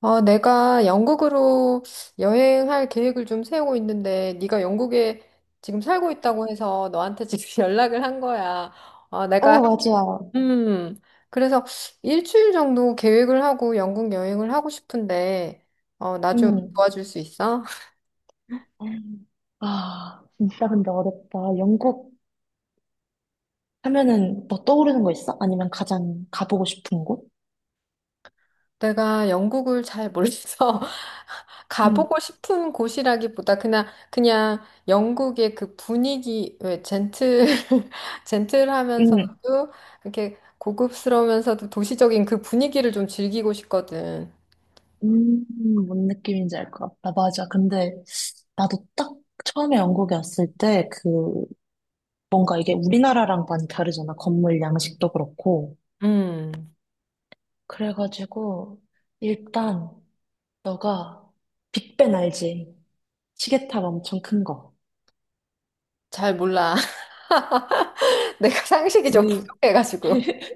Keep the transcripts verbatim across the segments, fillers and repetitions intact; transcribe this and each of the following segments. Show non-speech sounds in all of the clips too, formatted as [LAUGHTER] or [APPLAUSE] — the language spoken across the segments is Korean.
아, 내가 영국으로 여행할 계획을 좀 세우고 있는데, 네가 영국에 지금 살고 있다고 해서 너한테 지금 [LAUGHS] 연락을 한 거야. 아, 내가, 어, 맞아. 음, 그래서 일주일 정도 계획을 하고 영국 여행을 하고 싶은데, 어, 나 좀 음. 도와줄 수 있어? 아, 진짜 근데 어렵다. 영국 하면은 뭐 떠오르는 거 있어? 아니면 가장 가보고 싶은 곳? 내가 영국을 잘 몰라서 [LAUGHS] 응, 가보고 싶은 곳이라기보다 그냥 그냥 영국의 그 분위기 왜 젠틀 [LAUGHS] 응, 젠틀하면서도 이렇게 고급스러우면서도 도시적인 그 분위기를 좀 즐기고 싶거든. 음, 뭔 느낌인지 알 것 같다. 맞아. 근데 나도 딱 처음에 영국에 왔을 때 그 뭔가 이게 우리나라랑 많이 다르잖아. 건물 양식도 그렇고. 음, 그래가지고 일단 너가 빅벤 알지? 시계탑 엄청 큰 거. 잘 몰라. [LAUGHS] 내가 상식이 좀 그 부족해가지고. [LAUGHS]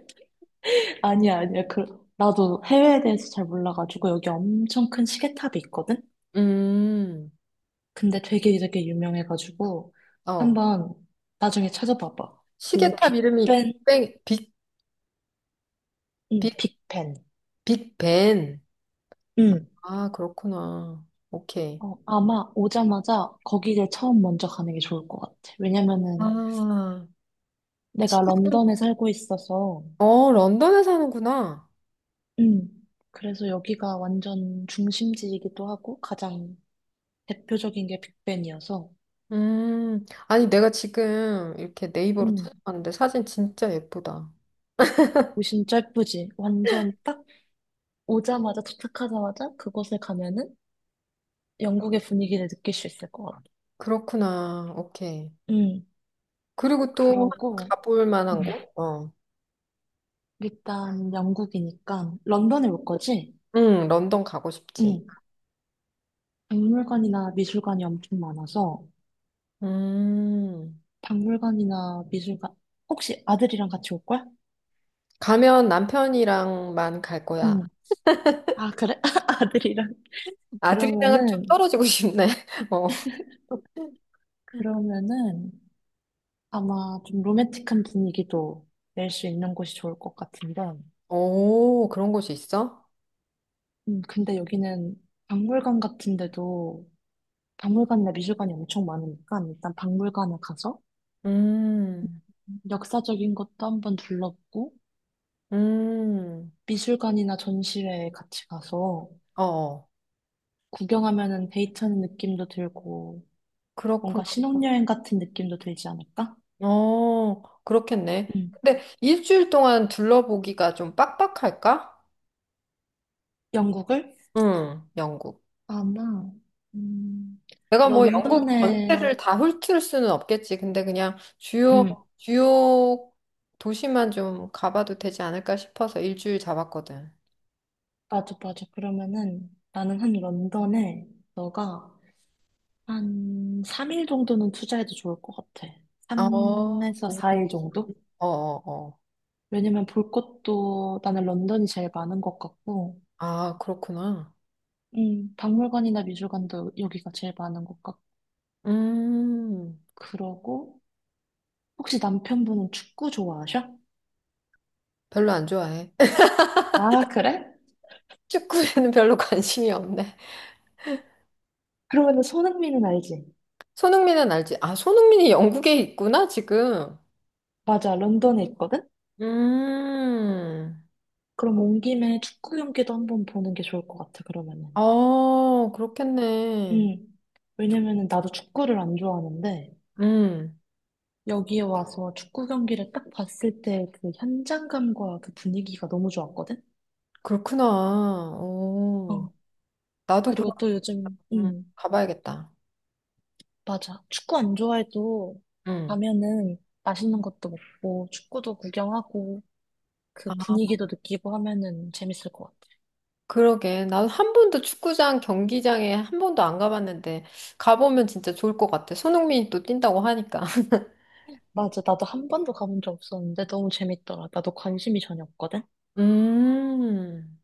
아니야, 아니야. 그, 나도 해외에 대해서 잘 몰라가지고, 여기 엄청 큰 시계탑이 있거든? 음, 근데 되게 되게 유명해가지고, 어, 한번 나중에 찾아봐봐. 그 시계탑 이름이 빅벤, 빅뱅 빅 빅 응, 빅벤. 빅벤. 응. 아, 그렇구나. 오케이. 어, 아마 오자마자 거기를 처음 먼저 가는 게 좋을 것 같아. 왜냐면은 아. 내가 런던에 살고 있어서, 어, 런던에 사는구나. 응. 그래서 여기가 완전 중심지이기도 하고, 가장 대표적인 게 빅벤이어서, 음, 아니, 내가 지금 이렇게 네이버로 응. 찾아봤는데 사진 진짜 예쁘다. 오신 짧쁘지 완전 딱 오자마자 도착하자마자 그곳에 가면은 영국의 분위기를 느낄 수 있을 것 같아. 그렇구나. 오케이. 음, 그리고 또 그러고, 가볼 음. 만한 곳? 어. 일단 영국이니까 런던에 올 거지? 응, 런던 가고 싶지. 응. 박물관이나 미술관이 엄청 많아서 음, 박물관이나 미술관 혹시 아들이랑 같이 올 거야? 가면 남편이랑만 갈 거야. 응. 아, 그래? [LAUGHS] 아들이랑. 아들이랑은 좀 그러면은 떨어지고 싶네. [LAUGHS] 어. 그러면은 아마 좀 로맨틱한 분위기도 낼 수 있는 곳이 좋을 것 같은데. 오, 그런 곳이 있어? 음, 근데 여기는 박물관 같은데도 박물관이나 미술관이 엄청 많으니까 일단 박물관을 가서 음, 역사적인 것도 한번 둘러보고 음, 미술관이나 전시회에 같이 가서 어, 어. 구경하면은 데이트하는 느낌도 들고 그렇구나. 뭔가 신혼여행 같은 느낌도 들지 않을까? 어, 그렇겠네. 음. 근데 일주일 동안 둘러보기가 좀 빡빡할까? 영국을 응, 영국. 아마 음, 내가 뭐 영국 런던에 전체를 다 훑을 수는 없겠지. 근데 그냥 주요, 음 주요 도시만 좀 가봐도 되지 않을까 싶어서 일주일 잡았거든. 맞아 맞아 그러면은 나는 한 런던에 너가 한 삼 일 정도는 투자해도 좋을 것 같아. 어, 삼에서 어, 사 일 정도? 어, 어. 왜냐면 볼 것도 나는 런던이 제일 많은 것 같고, 아, 그렇구나. 음. 박물관이나 미술관도 여기가 제일 많은 것 같고, 음, 그러고, 혹시 남편분은 축구 좋아하셔? 별로 안 좋아해. [LAUGHS] 아, 그래? 축구에는 별로 관심이 없네. 그러면 손흥민은 알지? 손흥민은 알지? 아, 손흥민이 영국에 있구나, 지금. 맞아, 런던에 있거든? 음. 그럼 온 김에 축구 경기도 한번 보는 게 좋을 것 같아, 그러면은. 아, 그렇겠네. 음. 왜냐면은 나도 축구를 안 좋아하는데, 음, 여기에 와서 축구 경기를 딱 봤을 때 그 현장감과 그 분위기가 너무 좋았거든? 그렇구나. 오, 어. 나도 그럼 그리고 또 요즘, 음, 음. 가봐야겠다. 맞아. 축구 안 좋아해도 음. 가면은 맛있는 것도 먹고 축구도 구경하고 그 아, 분위기도 느끼고 하면은 재밌을 것 같아. 그러게. 난 한 번도 축구장, 경기장에 한 번도 안 가봤는데, 가보면 진짜 좋을 것 같아. 손흥민이 또 뛴다고 하니까. [LAUGHS] 맞아. 나도 한 번도 가본 적 없었는데 너무 재밌더라. 나도 관심이 전혀 없거든. 음,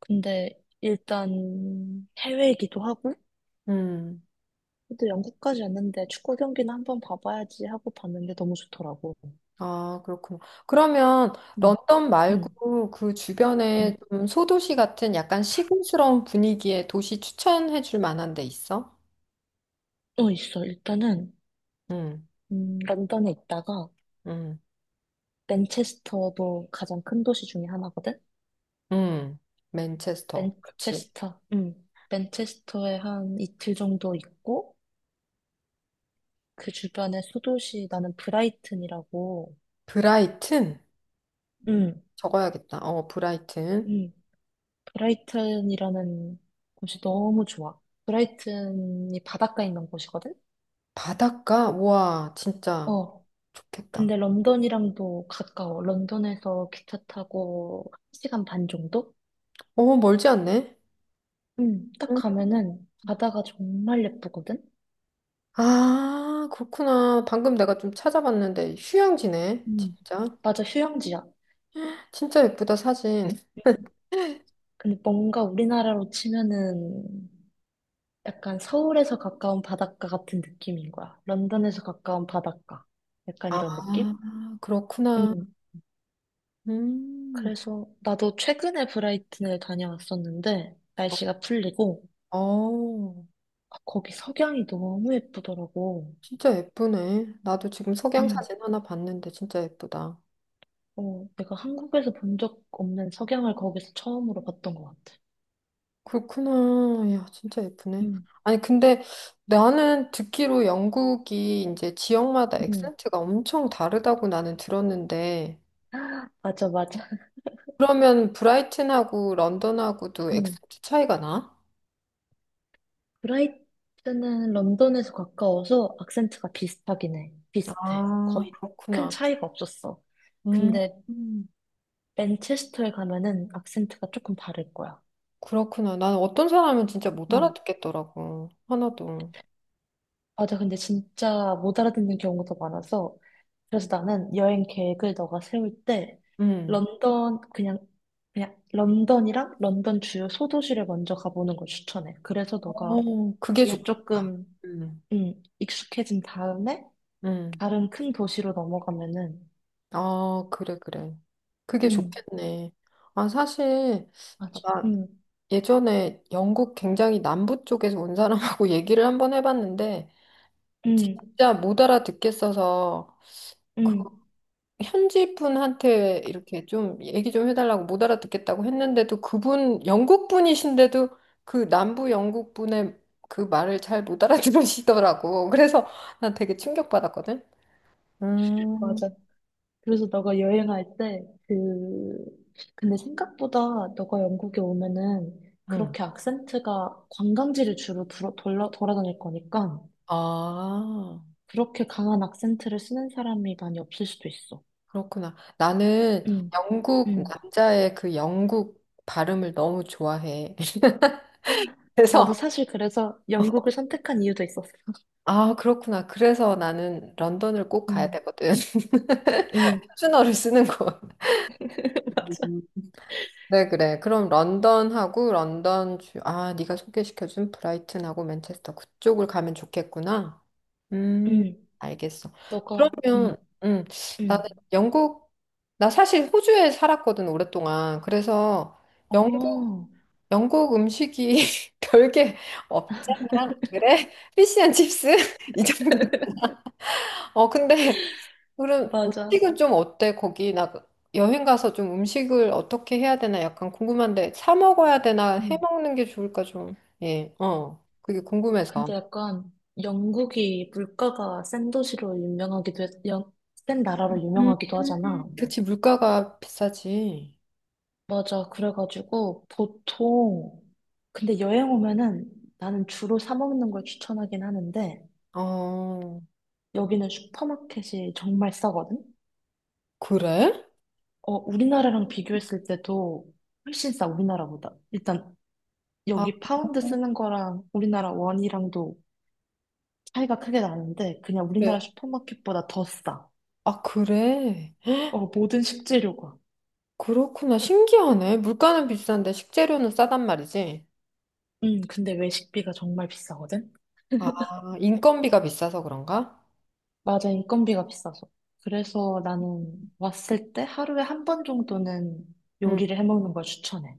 근데 일단 해외이기도 하고 음. 또 영국까지 왔는데 축구 경기는 한번 봐봐야지 하고 봤는데 너무 좋더라고. 아, 그렇구나. 그러면 응, 런던 응, 말고 그 응. 주변에 좀 소도시 같은 약간 시골스러운 분위기의 도시 추천해 줄 만한 데 있어? 어, 있어. 일단은 음, 음, 런던에 있다가 음, 맨체스터도 가장 큰 도시 중에 하나거든. 음. 맨체스터. 그렇지. 맨체스터. 응. 맨체스터에 한 이틀 정도 있고, 그 주변에 소도시, 나는 브라이튼이라고, 브라이튼. 응. 적어야겠다. 어, 브라이튼. 음, 브라이튼이라는 곳이 너무 좋아. 브라이튼이 바닷가에 있는 곳이거든? 바닷가? 우와, 진짜 어. 좋겠다. 근데 런던이랑도 가까워. 런던에서 기차 타고 한 시간 반 정도? 어, 멀지 않네. 응. 딱 응. 가면은 바다가 정말 예쁘거든? 아, 그렇구나. 방금 내가 좀 찾아봤는데 휴양지네. 응. 진짜. 맞아, 휴양지야. 진짜 예쁘다, 사진. 근데 뭔가 우리나라로 치면은 약간 서울에서 가까운 바닷가 같은 느낌인 거야. 런던에서 가까운 바닷가. 약간 아, 이런 느낌? 그렇구나. 음. 음. 그래서 나도 최근에 브라이튼을 다녀왔었는데 어, 날씨가 풀리고 어, 아, 거기 석양이 너무 예쁘더라고. 진짜 예쁘네. 나도 지금 석양 음. 사진 하나 봤는데 진짜 예쁘다. 어, 내가 한국에서 본 적 없는 석양을 거기서 처음으로 봤던 것 같아. 그렇구나. 야, 진짜 예쁘네. 음. 아니, 근데 나는 듣기로 영국이 이제 지역마다 음. 액센트가 엄청 다르다고 나는 들었는데, [GASPS] [LAUGHS] 맞아, 맞아. 그러면 브라이튼하고 런던하고도 음. 액센트 차이가 나? 브라이트는 런던에서 가까워서 악센트가 비슷하긴 해. 비슷해. 아, 거의 큰 그렇구나. 차이가 없었어. 음, 근데 음, 맨체스터에 가면은 악센트가 조금 다를 거야. 그렇구나. 나는 어떤 사람은 진짜 못 음. 알아듣겠더라고. 하나도. 맞아. 근데 진짜 못 알아듣는 경우가 더 많아서 그래서 나는 여행 계획을 너가 세울 때 음. 런던 그냥 그냥 런던이랑 런던 주요 소도시를 먼저 가보는 걸 추천해. 그래서 너가 어, 그게 뒤에 좋겠다. 조금 음, 음, 익숙해진 다음에 음. 다른 큰 도시로 넘어가면은 아, 그래, 그래. 그게 응, 좋겠네. 아, 사실, 아, 맞아. 나 응, 예전에 영국 굉장히 남부 쪽에서 온 사람하고 [LAUGHS] 얘기를 한번 해봤는데 응, 진짜 못 알아듣겠어서 그 응, 현지 분한테 이렇게 좀 얘기 좀 해달라고 못 알아듣겠다고 했는데도 그분 영국 분이신데도 그 남부 영국 분의 그 말을 잘 못 알아들으시더라고. [LAUGHS] 그래서 난 되게 충격받았거든. 음, 맞아. 그래서 너가 여행할 때, 그, 근데 생각보다 너가 영국에 오면은 음. 그렇게 악센트가 관광지를 주로 돌아, 돌아, 돌아다닐 거니까 아, 그렇게 강한 악센트를 쓰는 사람이 많이 없을 수도 있어. 그렇구나. 나는 응, 영국 응. 남자의 그 영국 발음을 너무 좋아해. 나도 그래서 사실 그래서 영국을 선택한 이유도 있었어. 아, 그렇구나. 그래서 나는 런던을 꼭 가야 응, 되거든. [LAUGHS] 응, 표준어를 쓰는 곳. [LAUGHS] 맞아. 음. 그래, 그래. 그럼 런던하고 런던 주, 아, 네가 소개시켜준 브라이튼하고 맨체스터 그쪽을 가면 좋겠구나. 음, 응, 알겠어. 너가, 응, 그러면, 음, 나는 응. 영국, 나 사실 호주에 살았거든, 오랫동안. 그래서 영국, 어, 영국 음식이 [LAUGHS] 별게 없잖아. 그래? 피시앤칩스? [LAUGHS] 이 정도. [LAUGHS] 어, 근데 그럼 맞아. 음식은 좀 어때? 거기 나 여행 가서 좀 음식을 어떻게 해야 되나 약간 궁금한데 사 먹어야 되나 해 응. 먹는 게 좋을까 좀. 예, 어, 그게 궁금해서. 근데 약간 영국이 물가가 센 도시로 유명하기도 했, 영- 센 나라로 음. 유명하기도 하잖아. 그치, 물가가 비싸지. 맞아. 그래가지고 보통 근데 여행 오면은 나는 주로 사 먹는 걸 추천하긴 하는데 어, 여기는 슈퍼마켓이 정말 싸거든. 그래? 어, 우리나라랑 비교했을 때도 훨씬 싸, 우리나라보다. 일단 아, 여기 파운드 쓰는 거랑 우리나라 원이랑도 차이가 크게 나는데 그냥 그래. 우리나라 슈퍼마켓보다 더 싸. 아, 그래. 어, 모든 식재료가. 그렇구나. 신기하네. 물가는 비싼데 식재료는 싸단 말이지. 음, 근데 외식비가 정말 비싸거든? 아, 인건비가 비싸서 그런가? 맞아, 인건비가 비싸서. 그래서 나는 왔을 때 하루에 한 번 정도는 음. 요리를 해 먹는 걸 추천해.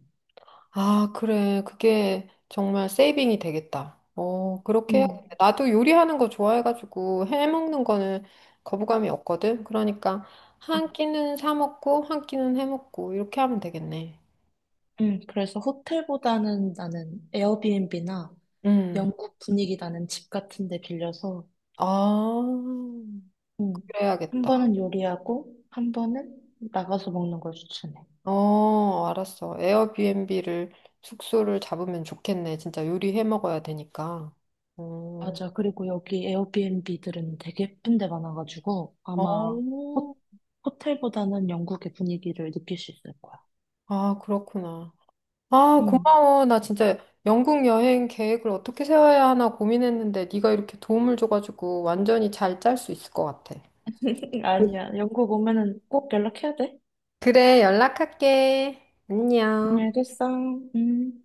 아, 그래. 그게 정말 세이빙이 되겠다. 어, 그렇게 음, 해야겠다. 나도 요리하는 거 좋아해가지고 해먹는 거는 거부감이 없거든. 그러니까 음, 한 끼는 사 먹고 한 끼는 해먹고 이렇게 하면 되겠네. 음. 그래서 호텔보다는 나는 에어비앤비나 음. 영국 분위기 나는 집 같은 데 빌려서, 아, 음, 한 그래야겠다. 번은 요리하고, 한 번은 나가서 먹는 걸 추천해. 어, 알았어. 에어비앤비를 숙소를 잡으면 좋겠네. 진짜 요리해 먹어야 되니까. 어, 맞아. 그리고 여기 에어비앤비들은 되게 예쁜 데 많아가지고 어, 아마 호, 호텔보다는 영국의 분위기를 느낄 수 있을 거야. 아, 그렇구나. 아, 응. 고마워. 나 진짜 영국 여행 계획을 어떻게 세워야 하나 고민했는데 네가 이렇게 도움을 줘가지고 완전히 잘 짤 수 있을 것 같아. [LAUGHS] 아니야. 영국 오면은 꼭 연락해야 돼. 그래, 연락할게. 응, 안녕. 알겠어. 응.